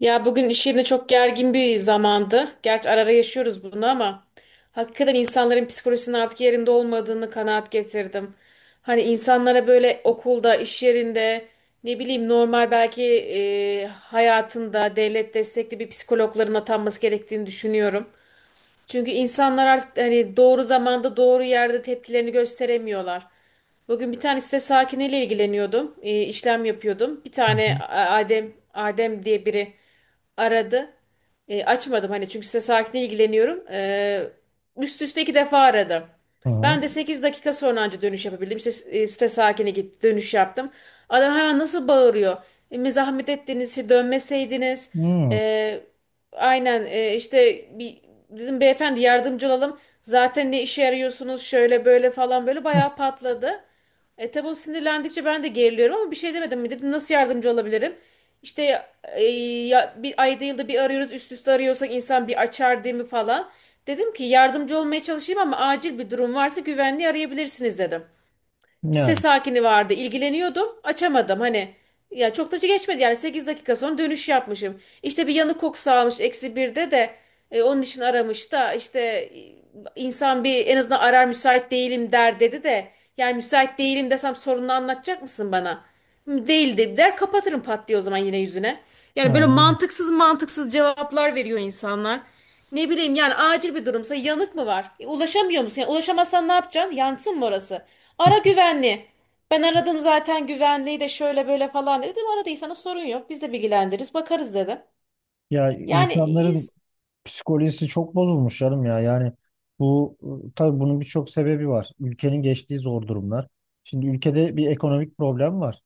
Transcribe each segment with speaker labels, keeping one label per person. Speaker 1: Ya bugün iş yerine çok gergin bir zamandı. Gerçi ara ara yaşıyoruz bunu ama hakikaten insanların psikolojisinin artık yerinde olmadığını kanaat getirdim. Hani insanlara böyle okulda, iş yerinde, ne bileyim normal belki hayatında devlet destekli bir psikologların atanması gerektiğini düşünüyorum. Çünkü insanlar artık hani doğru zamanda doğru yerde tepkilerini gösteremiyorlar. Bugün bir tane site sakiniyle ilgileniyordum. İşlem yapıyordum. Bir
Speaker 2: Hı
Speaker 1: tane
Speaker 2: hı.
Speaker 1: Adem diye biri aradı. Açmadım hani çünkü site sakiniyle ilgileniyorum. Üst üste 2 defa aradı.
Speaker 2: Aha.
Speaker 1: Ben de 8 dakika sonra anca dönüş yapabildim. İşte site sakini gitti, dönüş yaptım. Adam hemen nasıl bağırıyor. Mi zahmet ettiniz, işte dönmeseydiniz.
Speaker 2: Hmm.
Speaker 1: E, Aynen, işte bir dedim beyefendi yardımcı olalım. Zaten ne işe yarıyorsunuz şöyle böyle falan böyle
Speaker 2: Hı.
Speaker 1: bayağı patladı. E tabi o sinirlendikçe ben de geriliyorum ama bir şey demedim mi? Dedim nasıl yardımcı olabilirim? İşte e, ya, bir ayda yılda bir arıyoruz, üst üste arıyorsak insan bir açar değil mi falan. Dedim ki yardımcı olmaya çalışayım ama acil bir durum varsa güvenliği arayabilirsiniz dedim. Bir site
Speaker 2: Yani,
Speaker 1: sakini vardı, ilgileniyordum. Açamadım hani. Ya çok da geçmedi yani, 8 dakika sonra dönüş yapmışım. İşte bir yanık kokusu almış eksi birde de onun için aramış da işte insan bir en azından arar müsait değilim der, dedi de yani müsait değilim desem sorununu anlatacak mısın bana? Hı, değil dedi, der kapatırım pat diye o zaman yine yüzüne. Yani böyle
Speaker 2: yani,
Speaker 1: mantıksız mantıksız cevaplar veriyor insanlar. Ne bileyim yani, acil bir durumsa yanık mı var? Ulaşamıyor musun? Yani ulaşamazsan ne yapacaksın? Yansın mı orası? Ara güvenli. Ben aradım zaten güvenliği de şöyle böyle falan dedi. Dedim aradıysanız sorun yok. Biz de bilgilendiririz, bakarız dedim.
Speaker 2: ya
Speaker 1: Yani
Speaker 2: insanların
Speaker 1: iz-
Speaker 2: psikolojisi çok bozulmuş canım ya. Yani bu tabii bunun birçok sebebi var. Ülkenin geçtiği zor durumlar. Şimdi ülkede bir ekonomik problem var.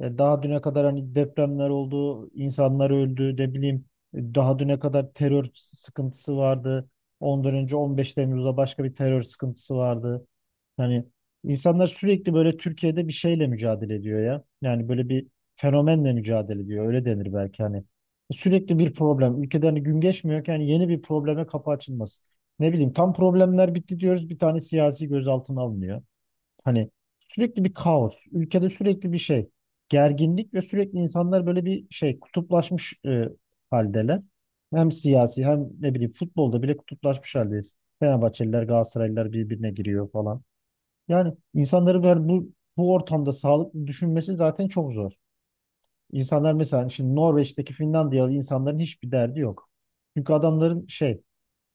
Speaker 2: E, daha düne kadar hani depremler oldu, insanlar öldü, ne bileyim daha düne kadar terör sıkıntısı vardı. Ondan önce 15 Temmuz'da başka bir terör sıkıntısı vardı. Yani insanlar sürekli böyle Türkiye'de bir şeyle mücadele ediyor ya. Yani böyle bir fenomenle mücadele ediyor. Öyle denir belki hani. Sürekli bir problem. Ülkeden hani gün geçmiyor ki hani yeni bir probleme kapı açılmasın. Ne bileyim tam problemler bitti diyoruz. Bir tane siyasi gözaltına alınıyor. Hani sürekli bir kaos. Ülkede sürekli bir şey. Gerginlik ve sürekli insanlar böyle bir şey kutuplaşmış haldeler. Hem siyasi hem ne bileyim futbolda bile kutuplaşmış haldeyiz. Fenerbahçeliler, Galatasaraylılar birbirine giriyor falan. Yani insanların böyle bu ortamda sağlıklı düşünmesi zaten çok zor. İnsanlar mesela şimdi Norveç'teki Finlandiyalı insanların hiçbir derdi yok. Çünkü adamların şey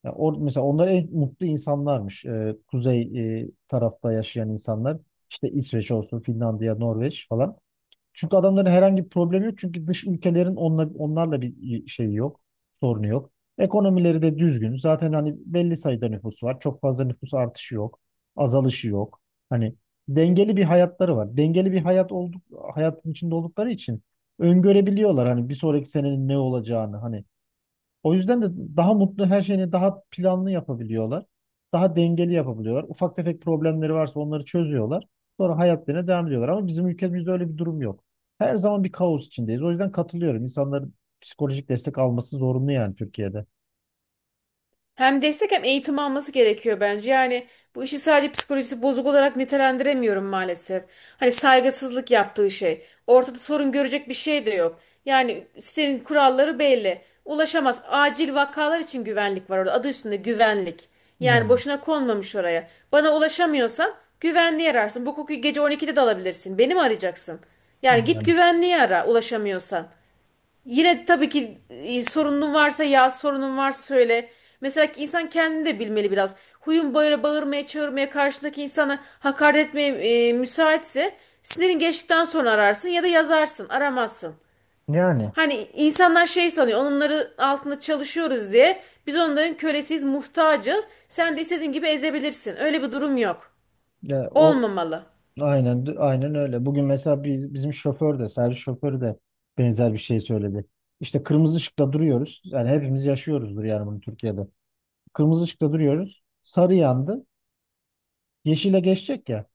Speaker 2: mesela onlar en mutlu insanlarmış. Kuzey tarafta yaşayan insanlar. İşte İsveç olsun, Finlandiya, Norveç falan. Çünkü adamların herhangi bir problemi yok. Çünkü dış ülkelerin onlarla bir şeyi yok. Sorunu yok. Ekonomileri de düzgün. Zaten hani belli sayıda nüfus var. Çok fazla nüfus artışı yok. Azalışı yok. Hani dengeli bir hayatları var. Dengeli bir hayatın içinde oldukları için öngörebiliyorlar hani bir sonraki senenin ne olacağını. Hani o yüzden de daha mutlu her şeyini daha planlı yapabiliyorlar. Daha dengeli yapabiliyorlar. Ufak tefek problemleri varsa onları çözüyorlar. Sonra hayatlarına devam ediyorlar. Ama bizim ülkemizde öyle bir durum yok. Her zaman bir kaos içindeyiz. O yüzden katılıyorum. İnsanların psikolojik destek alması zorunlu yani Türkiye'de.
Speaker 1: Hem destek hem eğitim alması gerekiyor bence. Yani bu işi sadece psikolojisi bozuk olarak nitelendiremiyorum maalesef. Hani saygısızlık yaptığı şey. Ortada sorun görecek bir şey de yok. Yani sitenin kuralları belli. Ulaşamaz. Acil vakalar için güvenlik var orada. Adı üstünde güvenlik. Yani
Speaker 2: Yani,
Speaker 1: boşuna konmamış oraya. Bana ulaşamıyorsan güvenliği ararsın. Bu kokuyu gece 12'de de alabilirsin. Beni mi arayacaksın? Yani git
Speaker 2: yani.
Speaker 1: güvenliği ara ulaşamıyorsan. Yine tabii ki sorunun varsa yaz, sorunun varsa söyle. Mesela ki insan kendini de bilmeli biraz. Huyun böyle bağırmaya, çağırmaya, karşıdaki insana hakaret etmeye müsaitse sinirin geçtikten sonra ararsın ya da yazarsın, aramazsın.
Speaker 2: Yani.
Speaker 1: Hani insanlar şey sanıyor, onları altında çalışıyoruz diye biz onların kölesiyiz, muhtacız. Sen de istediğin gibi ezebilirsin. Öyle bir durum yok.
Speaker 2: Ya o
Speaker 1: Olmamalı.
Speaker 2: aynen aynen öyle. Bugün mesela bizim şoför de servis şoförü de benzer bir şey söyledi. İşte kırmızı ışıkta duruyoruz. Yani hepimiz yaşıyoruzdur yani bunu Türkiye'de. Kırmızı ışıkta duruyoruz. Sarı yandı. Yeşile geçecek ya.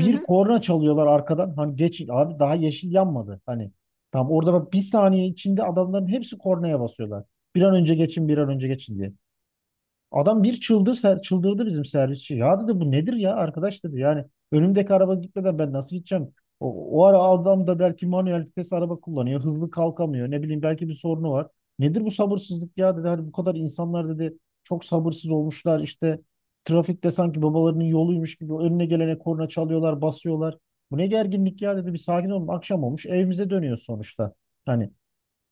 Speaker 1: Hı hı.
Speaker 2: korna çalıyorlar arkadan. Hani geçin abi daha yeşil yanmadı. Hani tam orada bak bir saniye içinde adamların hepsi kornaya basıyorlar. Bir an önce geçin, bir an önce geçin diye. Adam bir çıldırdı bizim servisçi. Ya dedi bu nedir ya arkadaş dedi. Yani önümdeki araba gitmeden ben nasıl gideceğim? O ara adam da belki manuel vites araba kullanıyor. Hızlı kalkamıyor. Ne bileyim belki bir sorunu var. Nedir bu sabırsızlık ya dedi. Hani bu kadar insanlar dedi çok sabırsız olmuşlar. İşte trafikte sanki babalarının yoluymuş gibi önüne gelene korna çalıyorlar, basıyorlar. Bu ne gerginlik ya dedi. Bir sakin olun. Akşam olmuş. Evimize dönüyoruz sonuçta. Hani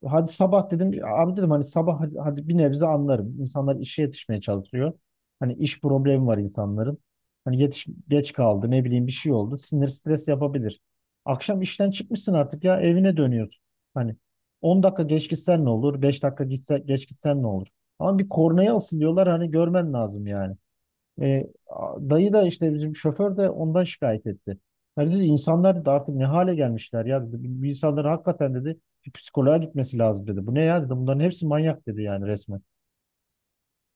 Speaker 2: hadi sabah dedim abi dedim hani sabah hadi, hadi bir nebze anlarım. İnsanlar işe yetişmeye çalışıyor. Hani iş problemi var insanların. Hani yetiş, geç kaldı ne bileyim bir şey oldu. Sinir stres yapabilir. Akşam işten çıkmışsın artık ya evine dönüyorsun. Hani 10 dakika geç gitsen ne olur? 5 dakika geç gitsen ne olur? Ama bir kornaya asılıyorlar hani görmen lazım yani. Dayı da işte bizim şoför de ondan şikayet etti. Ya dedi insanlar da artık ne hale gelmişler ya dedi. Bu insanların hakikaten dedi bir psikoloğa gitmesi lazım dedi. Bu ne ya dedi. Bunların hepsi manyak dedi yani resmen.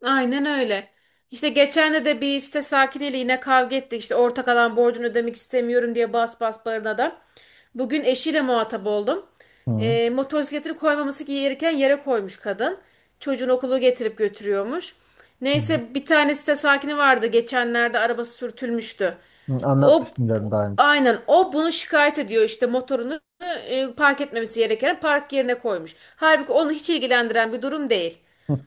Speaker 1: Aynen öyle. İşte geçen de bir site sakiniyle yine kavga ettik. İşte ortak alan borcunu ödemek istemiyorum diye bas bas bağıran adam. Bugün eşiyle muhatap oldum.
Speaker 2: Hı,
Speaker 1: Motosikletini koymaması gereken yere koymuş kadın. Çocuğun okulu getirip götürüyormuş.
Speaker 2: hı.
Speaker 1: Neyse bir tane site sakini vardı. Geçenlerde arabası sürtülmüştü.
Speaker 2: Hı,
Speaker 1: O
Speaker 2: anlatmıştım diyorum daha önce.
Speaker 1: aynen o bunu şikayet ediyor, işte motorunu park etmemesi gereken park yerine koymuş. Halbuki onu hiç ilgilendiren bir durum değil.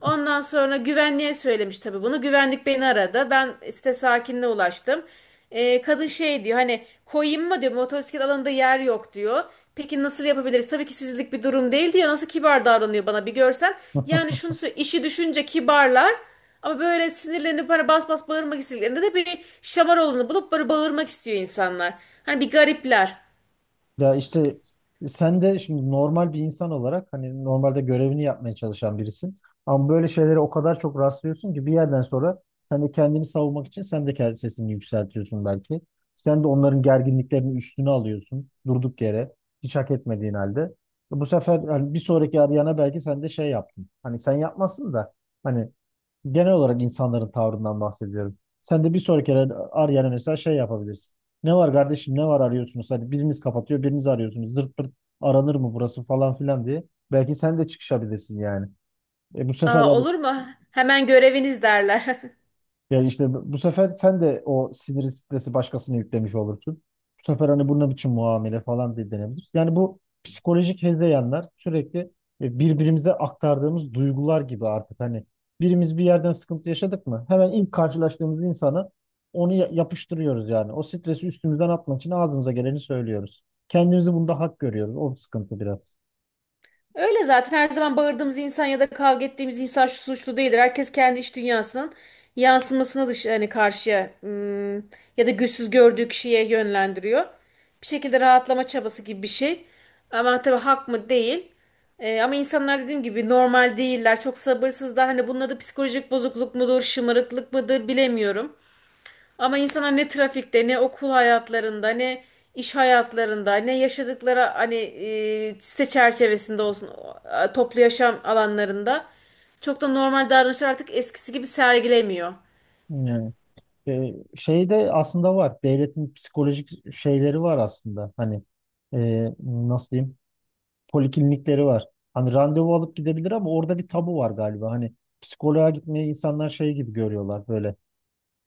Speaker 1: Ondan sonra güvenliğe söylemiş tabii bunu. Güvenlik beni aradı. Ben site sakinine ulaştım. Kadın şey diyor, hani koyayım mı diyor, motosiklet alanında yer yok diyor. Peki nasıl yapabiliriz? Tabii ki sizlik bir durum değil diyor. Nasıl kibar davranıyor bana bir görsen. İşi düşünce kibarlar. Ama böyle sinirlenip hani bas bas bağırmak istediklerinde de bir şamar olanı bulup böyle bağırmak istiyor insanlar. Hani bir garipler.
Speaker 2: Ya işte sen de şimdi normal bir insan olarak hani normalde görevini yapmaya çalışan birisin. Ama böyle şeylere o kadar çok rastlıyorsun ki bir yerden sonra sen de kendini savunmak için sen de kendi sesini yükseltiyorsun belki. Sen de onların gerginliklerini üstüne alıyorsun durduk yere hiç hak etmediğin halde. Bu sefer hani bir sonraki arayana belki sen de şey yaptın. Hani sen yapmasın da hani, genel olarak insanların tavrından bahsediyorum. Sen de bir sonraki kere yani mesela şey yapabilirsin. Ne var kardeşim ne var arıyorsunuz? Hadi biriniz kapatıyor biriniz arıyorsunuz. Zırt pırt aranır mı burası falan filan diye. Belki sen de çıkışabilirsin yani. E, bu sefer
Speaker 1: Aa,
Speaker 2: abi.
Speaker 1: olur mu? Hemen göreviniz derler.
Speaker 2: Yani işte bu sefer sen de o sinir stresi başkasına yüklemiş olursun. Bu sefer hani bu ne biçim muamele falan diye denebilir. Yani bu psikolojik hezeyanlar sürekli birbirimize aktardığımız duygular gibi artık hani birimiz bir yerden sıkıntı yaşadık mı hemen ilk karşılaştığımız insana onu yapıştırıyoruz yani. O stresi üstümüzden atmak için ağzımıza geleni söylüyoruz. Kendimizi bunda hak görüyoruz. O sıkıntı biraz.
Speaker 1: Öyle zaten her zaman bağırdığımız insan ya da kavga ettiğimiz insan şu suçlu değildir. Herkes kendi iç dünyasının yansımasını dış hani karşıya, ya da güçsüz gördüğü kişiye yönlendiriyor. Bir şekilde rahatlama çabası gibi bir şey. Ama tabii hak mı değil. Ama insanlar dediğim gibi normal değiller. Çok sabırsızlar. Hani bunun adı psikolojik bozukluk mudur, şımarıklık mıdır bilemiyorum. Ama insana ne trafikte, ne okul hayatlarında, ne iş hayatlarında, ne yaşadıkları hani site çerçevesinde olsun toplu yaşam alanlarında çok da normal davranışlar artık eskisi gibi sergilemiyor.
Speaker 2: Yani şeyde aslında var. Devletin psikolojik şeyleri var aslında. Hani nasıl diyeyim? Poliklinikleri var. Hani randevu alıp gidebilir ama orada bir tabu var galiba. Hani psikoloğa gitmeyi insanlar şey gibi görüyorlar böyle.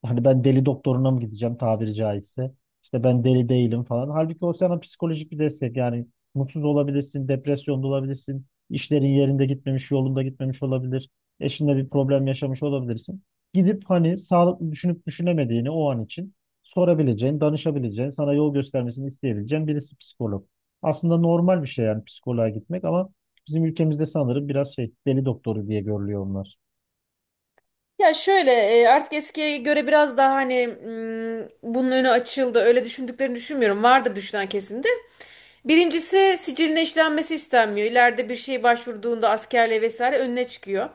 Speaker 2: Hani ben deli doktoruna mı gideceğim tabiri caizse? İşte ben deli değilim falan. Halbuki o sana psikolojik bir destek. Yani mutsuz olabilirsin, depresyonda olabilirsin, işlerin yerinde gitmemiş, yolunda gitmemiş olabilir, eşinle bir problem yaşamış olabilirsin. Gidip hani sağlıklı düşünüp düşünemediğini o an için sorabileceğin, danışabileceğin, sana yol göstermesini isteyebileceğin birisi psikolog. Aslında normal bir şey yani psikoloğa gitmek ama bizim ülkemizde sanırım biraz şey deli doktoru diye görülüyor onlar.
Speaker 1: Ya şöyle artık eskiye göre biraz daha hani bunun önü açıldı. Öyle düşündüklerini düşünmüyorum. Vardır düşünen kesin de. Birincisi siciline işlenmesi istenmiyor. İleride bir şey başvurduğunda askerle vesaire önüne çıkıyor.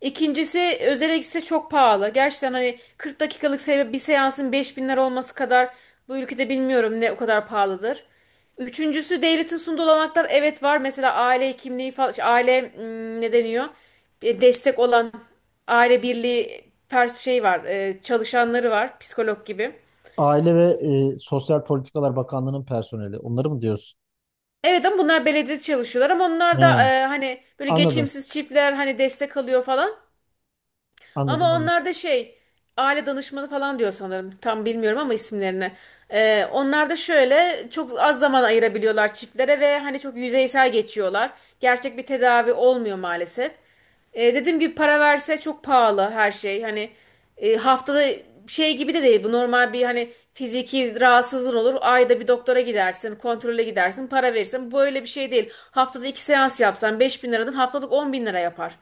Speaker 1: İkincisi özele gitse çok pahalı. Gerçekten hani 40 dakikalık bir seansın 5.000 lira olması kadar bu ülkede bilmiyorum ne o kadar pahalıdır. Üçüncüsü devletin sunduğu olanaklar evet var. Mesela aile kimliği falan, şey, aile ne deniyor? Destek olan aile birliği pers şey var, çalışanları var, psikolog gibi.
Speaker 2: Aile ve Sosyal Politikalar Bakanlığı'nın personeli. Onları mı diyorsun?
Speaker 1: Evet ama bunlar belediyede çalışıyorlar ama onlar da
Speaker 2: Yani.
Speaker 1: hani böyle
Speaker 2: Anladım.
Speaker 1: geçimsiz çiftler hani destek alıyor falan.
Speaker 2: Anladım.
Speaker 1: Ama
Speaker 2: Anladım.
Speaker 1: onlar da şey aile danışmanı falan diyor sanırım. Tam bilmiyorum ama isimlerini. Onlar da şöyle çok az zaman ayırabiliyorlar çiftlere ve hani çok yüzeysel geçiyorlar. Gerçek bir tedavi olmuyor maalesef. Dediğim gibi para verse çok pahalı her şey. Hani haftada şey gibi de değil. Bu normal bir hani fiziki rahatsızlığın olur. Ayda bir doktora gidersin, kontrole gidersin, para verirsin. Böyle bir şey değil. Haftada 2 seans yapsan 5 bin liradan haftalık 10 bin lira yapar.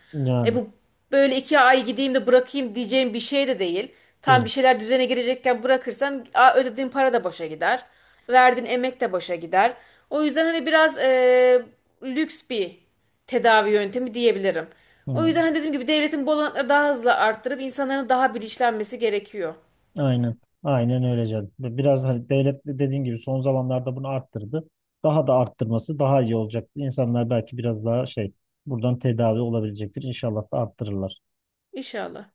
Speaker 1: E
Speaker 2: Yani
Speaker 1: bu böyle iki ay gideyim de bırakayım diyeceğim bir şey de değil. Tam
Speaker 2: değil.
Speaker 1: bir şeyler düzene girecekken bırakırsan ödediğin para da boşa gider. Verdiğin emek de boşa gider. O yüzden hani biraz lüks bir tedavi yöntemi diyebilirim. O
Speaker 2: Hı.
Speaker 1: yüzden hani dediğim gibi devletin bu olanakları daha hızlı arttırıp insanların daha bilinçlenmesi gerekiyor.
Speaker 2: Aynen. Aynen öyle canım. Biraz hani devlet de dediğin gibi son zamanlarda bunu arttırdı. Daha da arttırması daha iyi olacaktı. İnsanlar belki biraz daha şey buradan tedavi olabilecektir. İnşallah da arttırırlar.
Speaker 1: İnşallah.